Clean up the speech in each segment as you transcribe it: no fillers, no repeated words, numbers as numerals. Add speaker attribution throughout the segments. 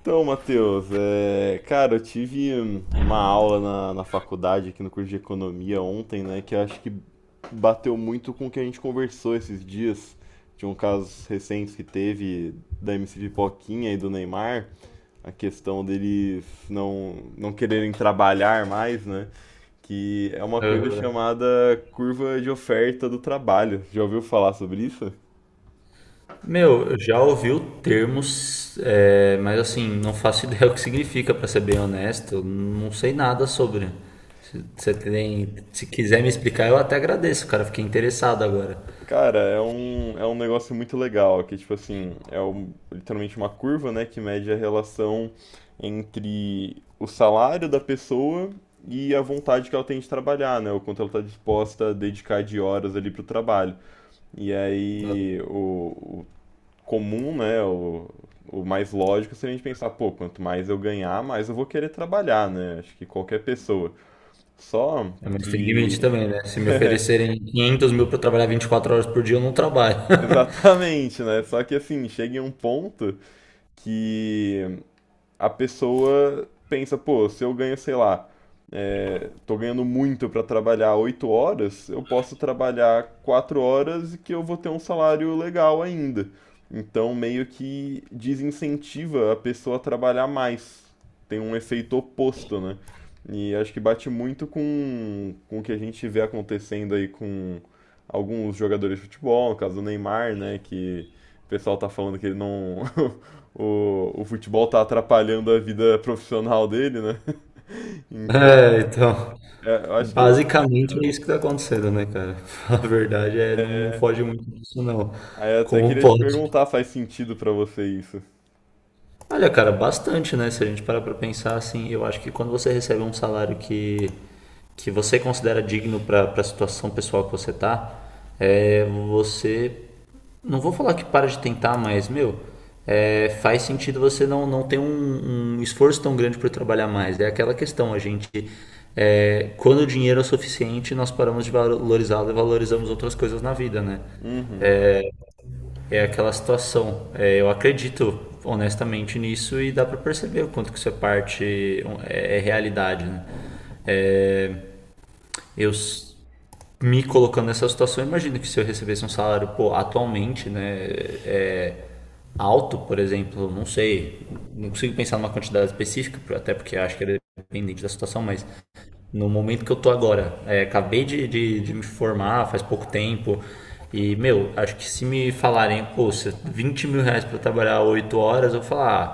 Speaker 1: Então, Matheus, eu tive uma aula na faculdade, aqui no curso de economia ontem, né, que eu acho que bateu muito com o que a gente conversou esses dias, de um caso recente que teve da MC Pipoquinha e do Neymar, a questão deles não quererem trabalhar mais, né, que é uma coisa
Speaker 2: Aham.
Speaker 1: chamada curva de oferta do trabalho. Já ouviu falar sobre isso?
Speaker 2: Meu, eu já ouvi o termo, mas assim, não faço ideia o que significa, pra ser bem honesto. Eu não sei nada sobre. Se, você tem, Se quiser me explicar, eu até agradeço, cara. Fiquei interessado agora.
Speaker 1: Cara, é um negócio muito legal, que tipo assim, literalmente uma curva, né, que mede a relação entre o salário da pessoa e a vontade que ela tem de trabalhar, né, o quanto ela está disposta a dedicar de horas ali pro trabalho. E aí o comum, né, o mais lógico seria a gente pensar, pô, quanto mais eu ganhar, mais eu vou querer trabalhar, né, acho que qualquer pessoa. Só
Speaker 2: É, mas tem limite
Speaker 1: que
Speaker 2: também, né? Se me oferecerem 500 mil pra eu trabalhar 24 horas por dia, eu não trabalho.
Speaker 1: Exatamente, né? Só que assim, chega em um ponto que a pessoa pensa, pô, se eu ganho, sei lá, tô ganhando muito para trabalhar 8 horas, eu posso trabalhar 4 horas e que eu vou ter um salário legal ainda. Então, meio que desincentiva a pessoa a trabalhar mais. Tem um efeito oposto, né? E acho que bate muito com o que a gente vê acontecendo aí com alguns jogadores de futebol, no caso do Neymar, né? Que o pessoal tá falando que ele não, o futebol tá atrapalhando a vida profissional dele, né? Então,
Speaker 2: É, então.
Speaker 1: eu acho que é isso,
Speaker 2: Basicamente é
Speaker 1: cara.
Speaker 2: isso que tá acontecendo, né, cara? A verdade é, não, não foge muito disso, não.
Speaker 1: Aí eu até
Speaker 2: Como
Speaker 1: queria te
Speaker 2: pode?
Speaker 1: perguntar, faz sentido pra você isso?
Speaker 2: Olha, cara, bastante, né? Se a gente parar pra pensar, assim, eu acho que quando você recebe um salário que você considera digno pra situação pessoal que você tá, você. Não vou falar que para de tentar, mas, meu, faz sentido você não, não ter um esforço tão grande por trabalhar mais. É aquela questão, a gente. É, quando o dinheiro é o suficiente, nós paramos de valorizá-lo e valorizamos outras coisas na vida, né?
Speaker 1: Uhum,
Speaker 2: É aquela situação. É, eu acredito honestamente nisso e dá para perceber o quanto que isso é parte, é realidade. Né? É, eu me colocando nessa situação, eu imagino que se eu recebesse um salário, pô, atualmente, né, é, alto, por exemplo, não sei, não consigo pensar numa quantidade específica, até porque acho que era dependente da situação, mas no momento que eu tô agora, acabei de me formar faz pouco tempo, e, meu, acho que se me falarem, pô, 20 mil reais pra trabalhar 8 horas, eu vou falar,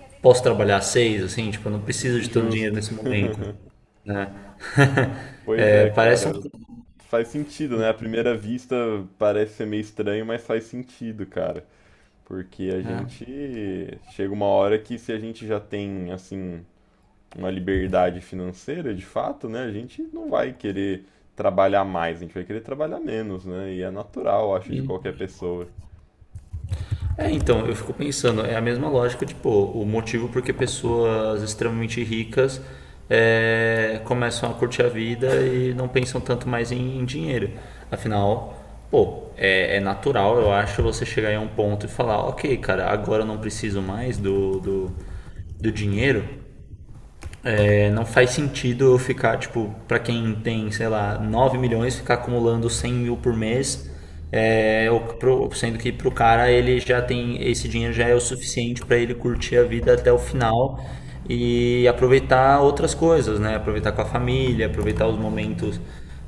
Speaker 2: ah, posso trabalhar 6, assim, tipo, eu não preciso de tanto dinheiro
Speaker 1: justo.
Speaker 2: nesse momento, né?
Speaker 1: Pois
Speaker 2: É,
Speaker 1: é,
Speaker 2: parece um.
Speaker 1: cara, faz sentido, né? À primeira vista parece ser meio estranho, mas faz sentido, cara. Porque a gente chega uma hora que se a gente já tem, assim, uma liberdade financeira, de fato, né, a gente não vai querer trabalhar mais, a gente vai querer trabalhar menos, né? E é natural, eu acho, de qualquer pessoa.
Speaker 2: É, então, eu fico pensando, é a mesma lógica, tipo, o motivo porque pessoas extremamente ricas começam a curtir a vida e não pensam tanto mais em dinheiro. Afinal, pô, é natural, eu acho, você chegar em um ponto e falar, ok, cara, agora eu não preciso mais do dinheiro, é, não faz sentido eu ficar, tipo, para quem tem, sei lá, 9 milhões, ficar acumulando 100 mil por mês, sendo que pro cara ele já tem, esse dinheiro já é o suficiente para ele curtir a vida até o final e aproveitar outras coisas, né? Aproveitar com a família, aproveitar os momentos,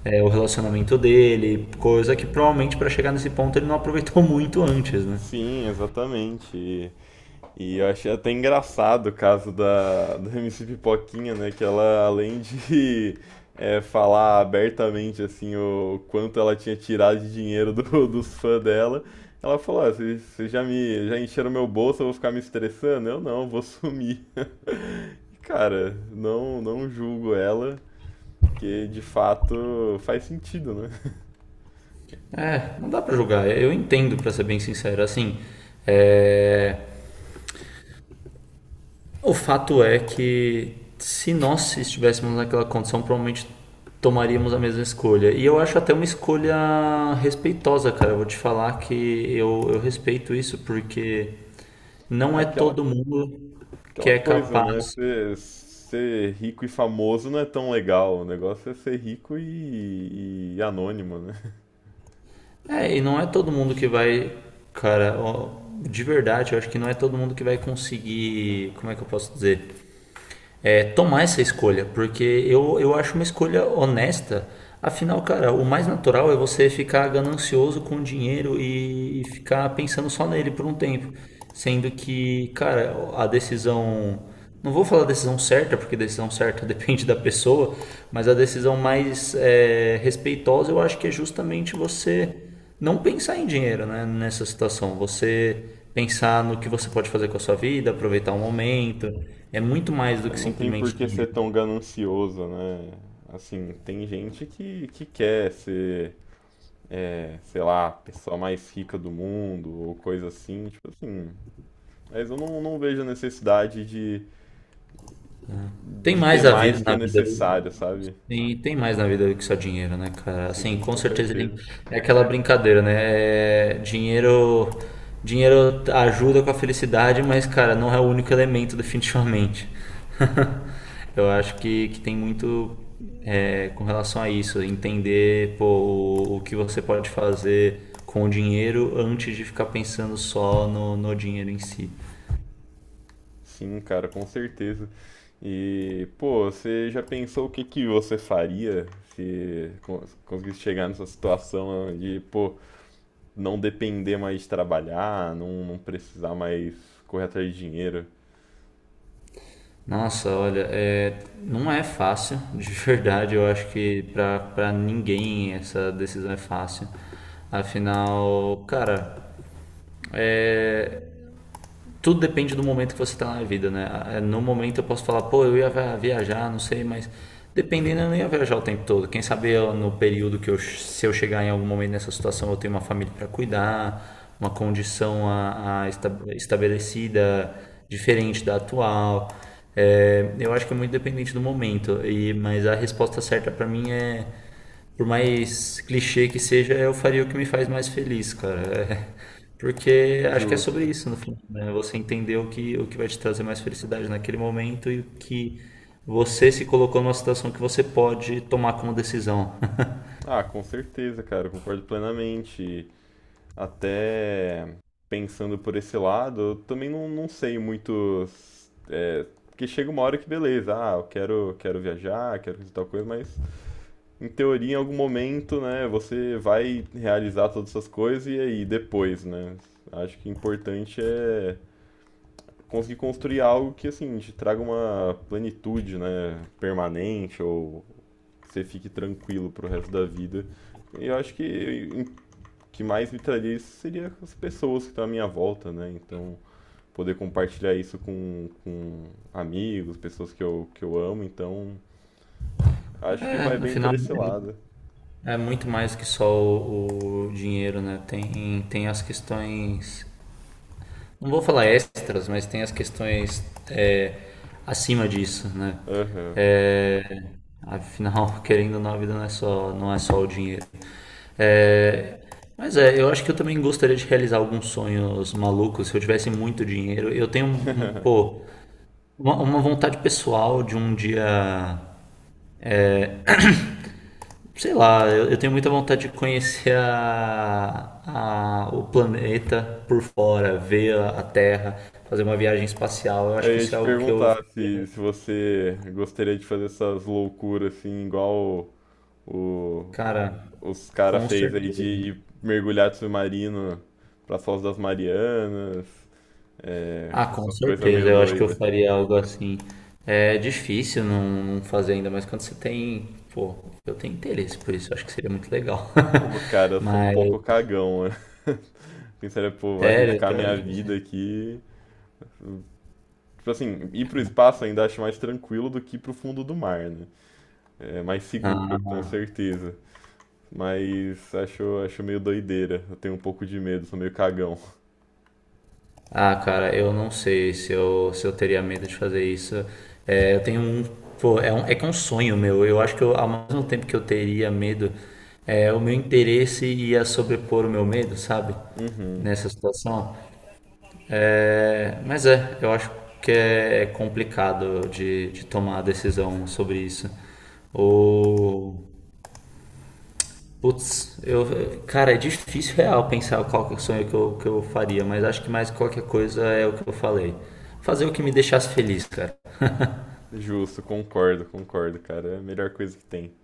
Speaker 2: o relacionamento dele, coisa que provavelmente para chegar nesse ponto ele não aproveitou muito antes, né?
Speaker 1: Sim, exatamente. E eu achei até engraçado o caso da MC Pipoquinha, né? Que ela, além de falar abertamente, assim, o quanto ela tinha tirado de dinheiro dos fãs dela, ela falou, ah, vocês já me, já encheram meu bolso, eu vou ficar me estressando? Eu não, vou sumir. E, cara, não julgo ela, porque de fato faz sentido, né?
Speaker 2: É, não dá pra julgar, eu entendo, pra ser bem sincero, assim, é... O fato é que se nós estivéssemos naquela condição, provavelmente tomaríamos a mesma escolha. E eu acho até uma escolha respeitosa, cara. Eu vou te falar que eu respeito isso porque não é
Speaker 1: Aquela
Speaker 2: todo mundo que
Speaker 1: Aquela
Speaker 2: é
Speaker 1: coisa,
Speaker 2: capaz.
Speaker 1: né? Ser rico e famoso não é tão legal. O negócio é ser rico e anônimo, né?
Speaker 2: É, e não é todo mundo que vai, cara, ó, de verdade, eu acho que não é todo mundo que vai conseguir, como é que eu posso dizer? É, tomar essa escolha, porque eu acho uma escolha honesta. Afinal, cara, o mais natural é você ficar ganancioso com o dinheiro e ficar pensando só nele por um tempo. Sendo que, cara, a decisão. Não vou falar decisão certa, porque decisão certa depende da pessoa, mas a decisão mais respeitosa eu acho que é justamente você não pensar em dinheiro, né, nessa situação. Você pensar no que você pode fazer com a sua vida, aproveitar o momento. É muito mais do que
Speaker 1: Não tem por
Speaker 2: simplesmente
Speaker 1: que ser
Speaker 2: dinheiro.
Speaker 1: tão ganancioso, né? Assim, tem gente que quer ser, sei lá, a pessoa mais rica do mundo ou coisa assim. Tipo assim. Mas eu não vejo a necessidade
Speaker 2: Tem
Speaker 1: de ter
Speaker 2: mais a
Speaker 1: mais
Speaker 2: vida
Speaker 1: que o
Speaker 2: na vida do,
Speaker 1: necessário, sabe?
Speaker 2: E tem mais na vida do que só dinheiro, né, cara? Assim,
Speaker 1: Sim,
Speaker 2: com
Speaker 1: com
Speaker 2: certeza ele
Speaker 1: certeza.
Speaker 2: é aquela brincadeira, né? É, Dinheiro ajuda com a felicidade, mas, cara, não é o único elemento, definitivamente. Eu acho que tem muito com relação a isso, entender, pô, o que você pode fazer com o dinheiro antes de ficar pensando só no dinheiro em si.
Speaker 1: Sim, cara, com certeza. E, pô, você já pensou o que que você faria se conseguisse chegar nessa situação de, pô, não depender mais de trabalhar, não precisar mais correr atrás de dinheiro?
Speaker 2: Nossa, olha, não é fácil, de verdade. Eu acho que pra ninguém essa decisão é fácil. Afinal, cara, é, tudo depende do momento que você está na vida, né? No momento eu posso falar, pô, eu ia viajar, não sei, mas dependendo eu não ia viajar o tempo todo. Quem sabe eu, no período que eu, se eu chegar em algum momento nessa situação, eu tenho uma família para cuidar, uma condição estabelecida diferente da atual. É, eu acho que é muito dependente do momento, mas a resposta certa para mim é, por mais clichê que seja, eu faria o que me faz mais feliz, cara. É, porque acho que é sobre
Speaker 1: Justo.
Speaker 2: isso no final, né? Você entender o que vai te trazer mais felicidade naquele momento e o que você se colocou numa situação que você pode tomar como decisão.
Speaker 1: Ah, com certeza, cara, eu concordo plenamente. Até pensando por esse lado, eu também não sei muito. É, porque chega uma hora que beleza, ah, quero viajar, quero fazer tal coisa, mas. Em teoria, em algum momento, né, você vai realizar todas essas coisas e aí depois, né? Acho que o importante é conseguir construir algo que, assim, te traga uma plenitude, né, permanente ou que você fique tranquilo pro resto da vida. E eu acho que o que mais me traria isso seria as pessoas que estão à minha volta, né? Então, poder compartilhar isso com amigos, pessoas que eu amo. Então, acho que
Speaker 2: É,
Speaker 1: vai
Speaker 2: no
Speaker 1: bem por
Speaker 2: final
Speaker 1: esse lado.
Speaker 2: é muito mais que só o dinheiro, né? Tem as questões, não vou falar extras, mas tem as questões é, acima disso, né?
Speaker 1: Aham.
Speaker 2: É, afinal, querendo ou não, a vida não é só, não é só o dinheiro. É, mas eu acho que eu também gostaria de realizar alguns sonhos malucos. Se eu tivesse muito dinheiro, eu tenho pô, uma vontade pessoal de um dia. Sei lá, eu tenho muita vontade de conhecer o planeta por fora, ver a Terra, fazer uma viagem espacial. Eu
Speaker 1: Eu
Speaker 2: acho que
Speaker 1: ia
Speaker 2: isso
Speaker 1: te
Speaker 2: é algo que eu,
Speaker 1: perguntar se você gostaria de fazer essas loucuras assim, igual o,
Speaker 2: cara,
Speaker 1: o- os cara
Speaker 2: com
Speaker 1: fez aí de
Speaker 2: certeza.
Speaker 1: ir mergulhar de submarino pra Foz das Marianas, é,
Speaker 2: Ah, com
Speaker 1: essas coisas
Speaker 2: certeza,
Speaker 1: meio
Speaker 2: eu acho que eu
Speaker 1: doidas.
Speaker 2: faria algo assim. É difícil não, não fazer ainda, mas quando você tem, pô, eu tenho interesse por isso, eu acho que seria muito legal.
Speaker 1: Pô, cara, eu sou um
Speaker 2: Mas,
Speaker 1: pouco cagão, né? Pensaria, pô, vou
Speaker 2: sério,
Speaker 1: arriscar minha vida aqui. Tipo assim, ir pro espaço ainda acho mais tranquilo do que ir pro fundo do mar, né? É mais seguro, com
Speaker 2: ah,
Speaker 1: certeza. Mas acho meio doideira. Eu tenho um pouco de medo, sou meio cagão.
Speaker 2: ah, cara, eu não sei se eu, se eu teria medo de fazer isso. É, eu tenho um, pô, é um, é que é um sonho meu. Eu acho que eu, ao mesmo tempo que eu teria medo, o meu interesse ia sobrepor o meu medo, sabe?
Speaker 1: Uhum.
Speaker 2: Nessa situação. É, mas eu acho que é complicado de tomar a decisão sobre isso. O, Putz, eu, cara, é difícil real pensar qual que é o sonho que eu faria, mas acho que mais qualquer coisa é o que eu falei. Fazer o que me deixasse feliz, cara.
Speaker 1: Justo, concordo, cara. É a melhor coisa que tem.